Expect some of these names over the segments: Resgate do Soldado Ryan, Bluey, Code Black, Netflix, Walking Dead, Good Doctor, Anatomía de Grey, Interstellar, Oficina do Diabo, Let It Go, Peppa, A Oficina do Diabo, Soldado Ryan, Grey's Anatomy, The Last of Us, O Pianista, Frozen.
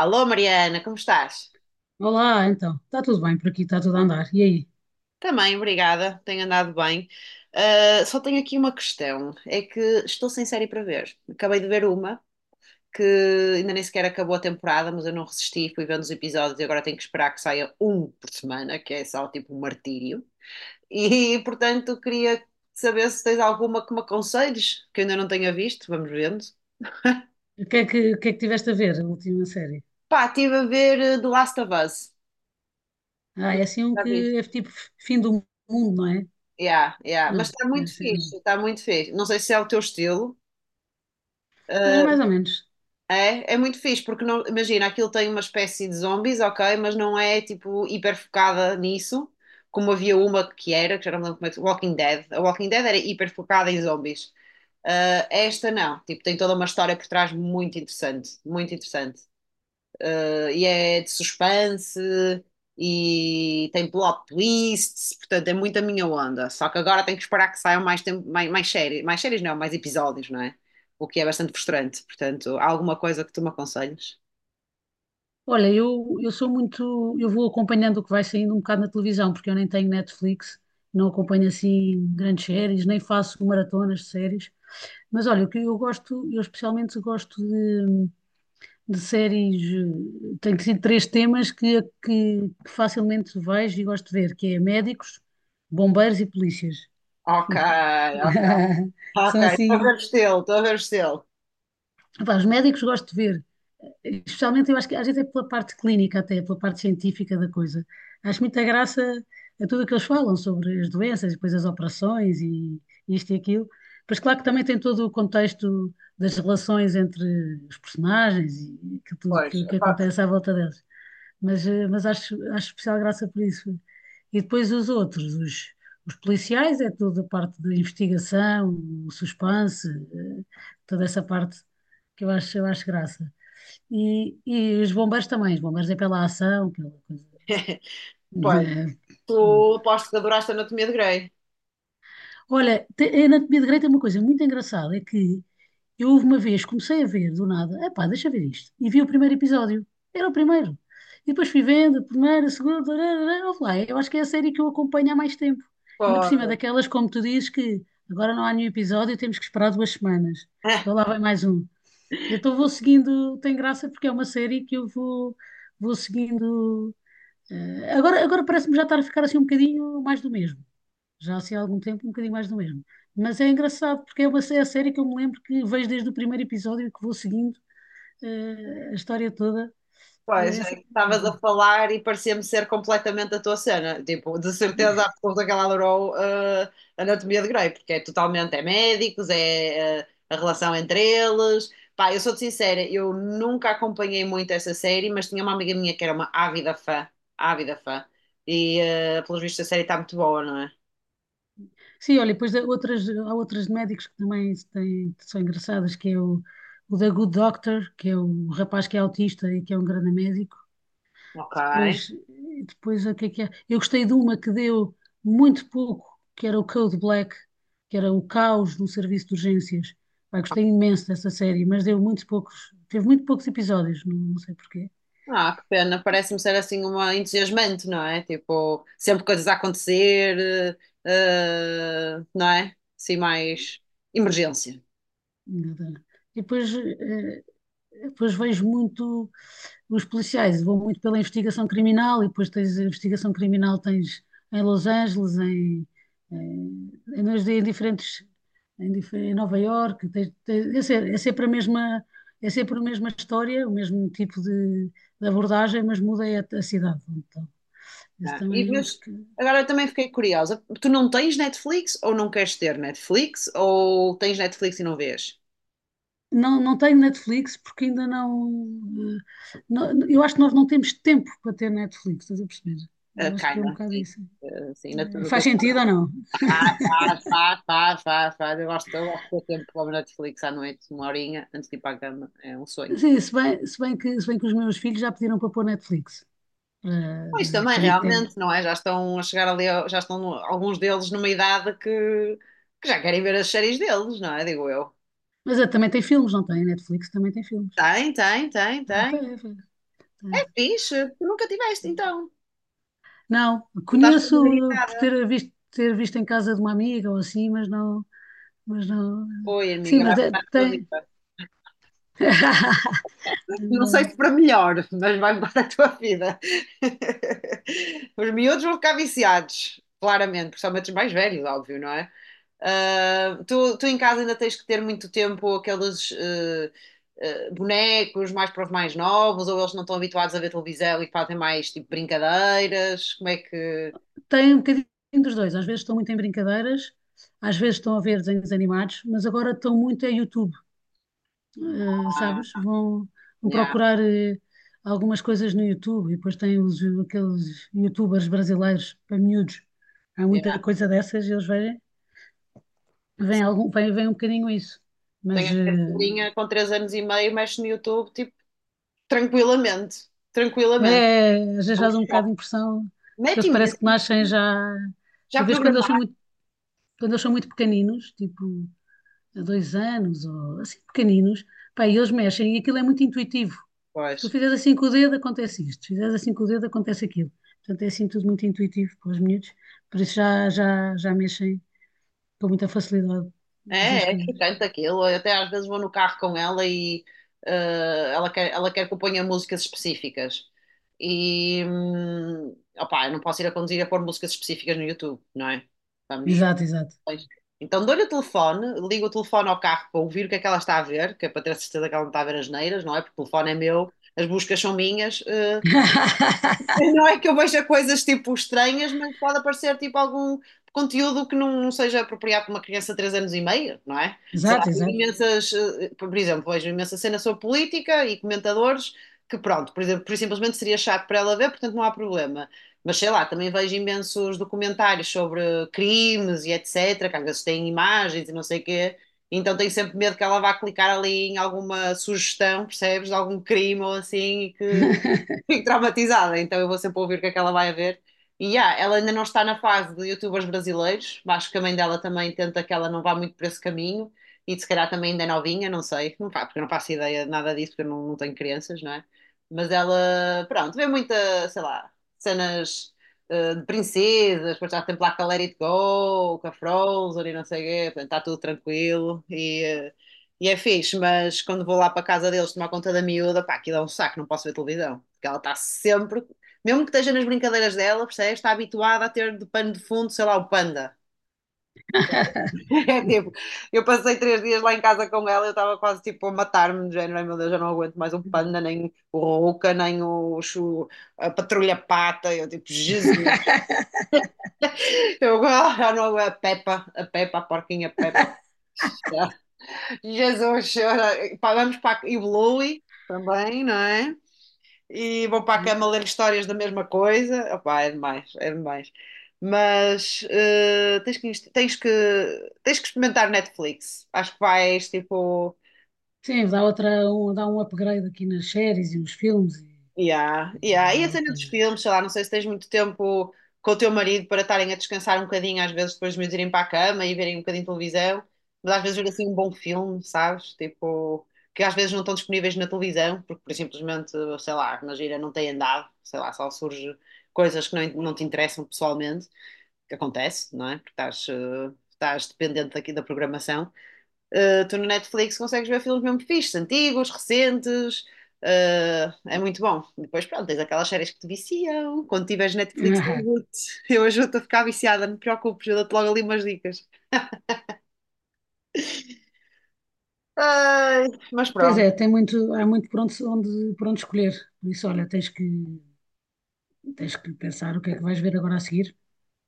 Alô, Mariana, como estás? Olá, então. Está tudo bem por aqui, está tudo a andar. E aí? Também, obrigada, tenho andado bem. Ah, só tenho aqui uma questão: é que estou sem série para ver. Acabei de ver uma que ainda nem sequer acabou a temporada, mas eu não resisti, fui vendo os episódios e agora tenho que esperar que saia um por semana, que é só tipo um martírio. E portanto, queria saber se tens alguma que me aconselhes, que eu ainda não tenha visto, vamos vendo. O que é que, o que é que tiveste a ver, a última série? Pá, estive a ver The Last of Us. Ah, Não é sei se assim um já viste. que é tipo fim do mundo, não é? Yeah, yeah. Mas Não, está é muito assim. Fixe, está muito fixe. Não sei se é o teu estilo. É Ah, mais ou menos. é, é muito fixe, porque não, imagina, aquilo tem uma espécie de zombies, ok, mas não é tipo hiper focada nisso, como havia uma que era, que já não me lembro como é que Walking Dead. A Walking Dead era hiper focada em zombies. Ah, esta não, tipo, tem toda uma história por trás muito interessante e é de suspense e tem plot twists, portanto é muito a minha onda. Só que agora tenho que esperar que saiam mais, tempo, mais, mais séries não, mais episódios, não é? O que é bastante frustrante. Portanto, há alguma coisa que tu me aconselhes? Olha, eu sou muito. Eu vou acompanhando o que vai saindo um bocado na televisão, porque eu nem tenho Netflix, não acompanho assim grandes séries, nem faço maratonas de séries. Mas olha, o que eu gosto, eu especialmente gosto de séries, tenho sido três temas que facilmente vejo e gosto de ver, que é médicos, bombeiros e polícias. Ok, ok, ok, São estou a assim, ver o estilo, estou a ver o estilo. pá, os médicos gosto de ver, especialmente eu acho que às vezes é pela parte clínica até, pela parte científica da coisa. Acho muita graça a tudo o que eles falam sobre as doenças, depois as operações e isto e aquilo. Mas claro que também tem todo o contexto das relações entre os personagens e aquilo tudo Pois, que pá, acontece à volta deles. Mas acho especial graça por isso. E depois os policiais, é toda a parte da investigação, o suspense, eh, toda essa parte que eu acho graça. E os bombeiros é pela ação, pela coisa, pois, né? tu aposto que adoraste a Anatomia de Grey. Olha, a anatomia de Grey tem uma coisa muito engraçada, é que eu houve uma vez, comecei a ver do nada, epá, deixa eu ver isto, e vi o primeiro episódio, era o primeiro, e depois fui vendo, primeiro, segundo, houve lá, eu acho que é a série que eu acompanho há mais tempo, ainda por cima Pois. daquelas, como tu dizes, que agora não há nenhum episódio, temos que esperar duas semanas, então lá vai mais um. Então vou seguindo, tem graça porque é uma série que vou seguindo, agora parece-me já estar a ficar assim um bocadinho mais do mesmo já assim há algum tempo, um bocadinho mais do mesmo. Mas é engraçado porque é uma é a série que eu me lembro que vejo desde o primeiro episódio e que vou seguindo a história toda. Pois, é Essa que estavas a coisa. falar e parecia-me ser completamente a tua cena. Tipo, de certeza absoluta que ela adorou Anatomia de Grey, porque é totalmente, é médicos, é a relação entre eles. Pá, eu sou-te sincera, eu nunca acompanhei muito essa série, mas tinha uma amiga minha que era uma ávida fã, ávida fã. E, pelos vistos, a série está muito boa, não é? Sim, olha, depois há outras de médicos que também se têm- que são engraçadas, o da Good Doctor, que é o rapaz que é autista e que é um grande médico. Ok. Depois, depois o que é que é? Eu gostei de uma que deu muito pouco, que era o Code Black, que era o caos no serviço de urgências. Pá, gostei imenso dessa série, mas deu muito poucos, teve muito poucos episódios, não sei porquê. Ah, que pena, parece-me ser assim uma entusiasmante, não é? Tipo, sempre coisas a acontecer, não é? Assim, mais emergência. Nada. E depois, depois vejo muito os policiais, vou muito pela investigação criminal e depois tens a investigação criminal tens em Los Angeles, em, em, em diferentes em Nova Iorque, é sempre a mesma é sempre a mesma história, o mesmo tipo de abordagem, mas muda é a cidade. Então, Não esse é? também E, é uns mas que agora eu também fiquei curiosa. Tu não tens Netflix ou não queres ter Netflix? Ou tens Netflix e não vês? não, não tenho Netflix porque ainda não, Eu acho que nós não temos tempo para ter Netflix, estás a perceber? Eu acho que é um Kinda, bocado sim. isso. Sim, no Faz teu sentido ou não? faz, faz, faz, faz, faz. Eu gosto de ter tempo para ver Netflix à noite, uma horinha, antes de ir para a cama. É um sonho. Sim, se bem que os meus filhos já pediram para pôr Netflix. Para- Pois deve- também, também, que deve- realmente, não é? Já estão a chegar ali, já estão alguns deles numa idade que já querem ver as séries deles, não é? Digo eu. mas eh, também tem filmes, não tem? A Netflix também tem filmes. Tem, tem, tem, Ah, tá, tem. é, foi, É portanto. fixe, tu nunca tiveste, então. Não, Não estás conheço por familiarizada. Ter visto em casa de uma amiga ou assim, mas não. Mas não Oi, sim, amiga, mas vai de- mudar a tua tem. vida. Não sei se para melhor, mas vai mudar a tua vida. Os miúdos vão ficar viciados, claramente, principalmente os mais velhos, óbvio, não é? Tu em casa ainda tens que ter muito tempo aqueles bonecos mais para os mais novos, ou eles não estão habituados a ver televisão e fazem mais tipo brincadeiras? Como é que. Tem um bocadinho dos dois. Às vezes estão muito em brincadeiras, às vezes estão a ver desenhos animados, mas agora estão muito a YouTube. Sabes? Ah, Vão yeah, procurar algumas coisas no YouTube e depois aqueles YouTubers brasileiros para miúdos. Há yeah. muita coisa dessas e eles veem, veem, algum, veem, veem um bocadinho isso. Tenho Mas aqui a eh, filhinha com 3 anos e meio, mexe no YouTube, tipo, tranquilamente. Tranquilamente. é, às vezes É um faz um bocado choque. de impressão que eles Mete parecem imenso. que nascem já. Já Tu vês programado. Quando eles são muito pequeninos, tipo. De dois anos, ou assim pequeninos, pá, e eles mexem e aquilo é muito intuitivo. Se tu Pois. fizeres assim com o dedo, acontece isto. Se fizeres assim com o dedo, acontece aquilo. Portanto, é assim tudo muito intuitivo para os miúdos, por isso já mexem com muita facilidade nessas É, é coisas. excitante aquilo. Eu até às vezes vou no carro com ela e ela quer que eu ponha músicas específicas. E opá, eu não posso ir a conduzir a pôr músicas específicas no YouTube, não é? Vamos. Exato, exato. Pois. Então dou-lhe o telefone, ligo o telefone ao carro para ouvir o que é que ela está a ver, que é para ter a certeza que ela não está a ver as neiras, não é? Porque o telefone é meu, as buscas são minhas. Não é que eu veja coisas tipo estranhas, mas pode aparecer tipo algum conteúdo que não, não seja apropriado para uma criança de 3 anos e meio, não é? Sei lá, Exato, vejo exato. imensas, por exemplo, vejo imensa cena sobre política e comentadores que pronto, por exemplo, por simplesmente seria chato para ela ver, portanto não há problema. Mas sei lá, também vejo imensos documentários sobre crimes e etc, que às vezes têm imagens e não sei o quê. Então tenho sempre medo que ela vá clicar ali em alguma sugestão, percebes, de algum crime ou assim, e que fico traumatizada, então eu vou sempre ouvir o que é que ela vai a ver. E ela ainda não está na fase de youtubers brasileiros, acho que a mãe dela também tenta que ela não vá muito por esse caminho, e se calhar também ainda é novinha, não sei, porque eu não faço ideia de nada disso, porque eu não, não tenho crianças, não é? Mas ela, pronto, vê muita, sei lá, cenas de princesas, depois já tem lá com a Let It Go, com a Frozen e não sei o quê, portanto está tudo tranquilo e é fixe, mas quando vou lá para casa deles tomar conta da miúda, pá, aquilo é um saco, não posso ver televisão. Porque ela está sempre, mesmo que esteja nas brincadeiras dela, percebes? Está habituada a ter de pano de fundo, sei lá, o panda. É tipo, eu passei 3 dias lá em casa com ela, eu estava quase tipo a matar-me, do género, ai meu Deus, eu não aguento mais o panda, nem o rouca nem o, a patrulha pata. Eu tipo, Jesus, eu já não, aguento a Peppa, a Peppa, a porquinha Peppa. Jesus, chora. Pá, vamos e o Bluey também, não é? E vou para a cama ler histórias da mesma coisa. Opá, é demais, é demais. Mas tens que experimentar Netflix. Acho que vais, tipo. Sim, dá um upgrade aqui nas séries e nos filmes Yeah, yeah. e E a vale a cena dos pena. filmes, sei lá, não sei se tens muito tempo com o teu marido para estarem a descansar um bocadinho, às vezes depois de meus irem para a cama e verem um bocadinho de televisão, mas às vezes ver assim um bom filme, sabes? Tipo, que às vezes não estão disponíveis na televisão, porque por simplesmente, sei lá, na gira não tem andado, sei lá, só surge coisas que não, não te interessam pessoalmente, que acontece, não é? Porque estás dependente daqui da programação. Tu no Netflix consegues ver filmes mesmo fixes, antigos, recentes, é muito bom. Depois, pronto, tens aquelas séries que te viciam. Quando tiveres Netflix, eu ajudo-te eu ajudo-te a ficar viciada, não te preocupes, eu dou-te logo ali umas dicas. Ai, mas Pois pronto. é, há muito por por onde escolher. Por isso, olha, tens que pensar o que é que vais ver agora a seguir.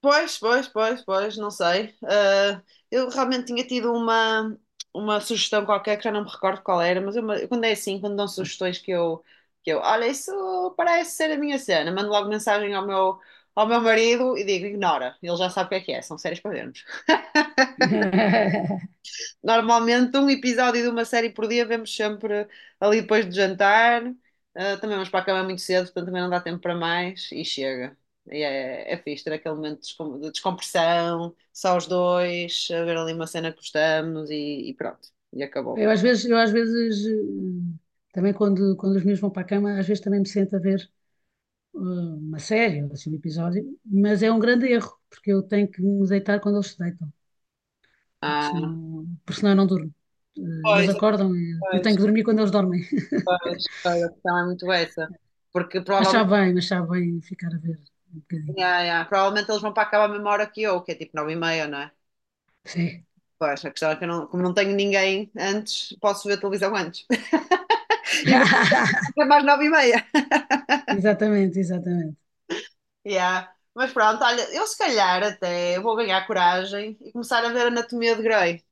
Pois, pois, pois, pois, não sei. Ah, eu realmente tinha tido uma sugestão qualquer que já não me recordo qual era, mas eu, quando é assim, quando dão sugestões que eu, olha, isso parece ser a minha cena, mando logo mensagem ao meu marido e digo, ignora, ele já sabe o que é, são séries para vermos. Normalmente um episódio de uma série por dia vemos sempre ali depois do jantar. Ah, também vamos para a cama muito cedo, portanto também não dá tempo para mais e chega. E é fixe ter aquele momento de descompressão, só os dois, a ver ali uma cena que gostamos e pronto. E acabou. Eu às vezes, também quando os meus vão para a cama, às vezes também me sento a ver uma série, ou assim, um episódio, mas é um grande erro, porque eu tenho que me deitar quando eles se deitam, Ah, porque senão eu não durmo. Eh, eles pois, acordam e eu pois, tenho que dormir quando eles dormem. pois, pois, a questão é muito essa. Porque Mas provavelmente, mas sabe bem ficar a ver um bocadinho. yeah, yeah, provavelmente eles vão para acabar a cama à mesma hora que eu, que é tipo 9h30, não é? Sim. Pois, a questão é que eu não, como não tenho ninguém antes, posso ver televisão antes. E vou fazer mais 9h30. Exatamente, exatamente. Yeah. Mas pronto, olha, eu se calhar até vou ganhar coragem e começar a ver Anatomia de Grey.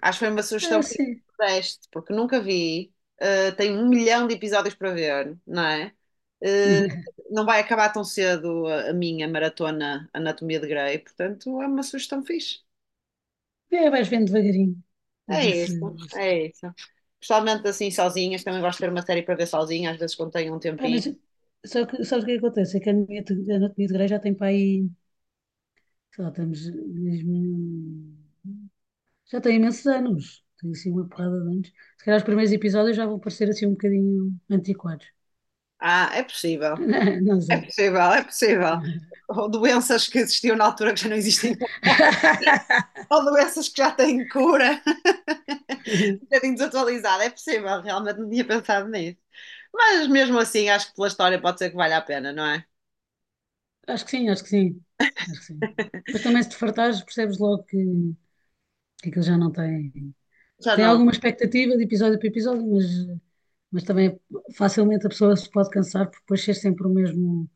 Acho que foi uma sugestão Ah, que me sim. deste, porque nunca vi. Tenho um milhão de episódios para ver, não é? Uh, não vai acabar tão cedo a minha maratona Anatomia de Grey, portanto é uma sugestão fixe. E aí vais vendo devagarinho. A É ver se. isso, Se- é isso. Principalmente assim sozinhas, também gosto de ver uma série para ver sozinha, às vezes quando tenho um Pá, mas tempinho. só que, sabes o que é que acontece? É que a a anatomia de Grey já tem para aí. Sei lá, estamos. Mesmo- Já tem imensos anos. Tem assim uma porrada de anos. Se calhar os primeiros episódios já vão parecer assim um bocadinho antiquados. Ah, é possível, Não é sei. possível, é possível. Ou doenças que existiam na altura que já não existem agora, ou doenças que já têm cura. Um bocadinho desatualizada, é possível, realmente não tinha pensado nisso. Mas mesmo assim, acho que pela história pode ser que valha a pena, não é? Acho que sim, acho que sim. Acho que sim. Mas também se te fartares, percebes logo que aquilo já não tem. Já Tem não, alguma expectativa de episódio para episódio, mas também facilmente a pessoa se pode cansar por depois ser sempre o mesmo,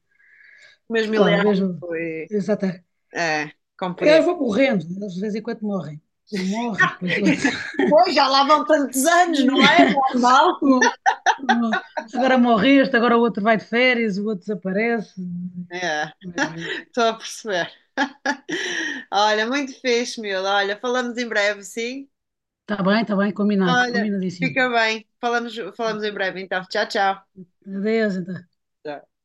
mesmo sei lá, o Ileana mesmo. foi. Exatamente. É, Eles compreendo. vão morrendo, eles de vez em quando morrem. Um morre, depois outro. Pois, já lá vão tantos anos, não é? Normal. Um- um- Agora morre este, agora o outro vai de férias, o outro desaparece. É, Mas estou a perceber. Olha, muito fixe, miúdo. Olha, falamos em breve, sim? Está bem, combinado, Olha, combinadíssimo. fica bem. Falamos em breve, então. Tchau, tchau. Adeus, então. Tchau.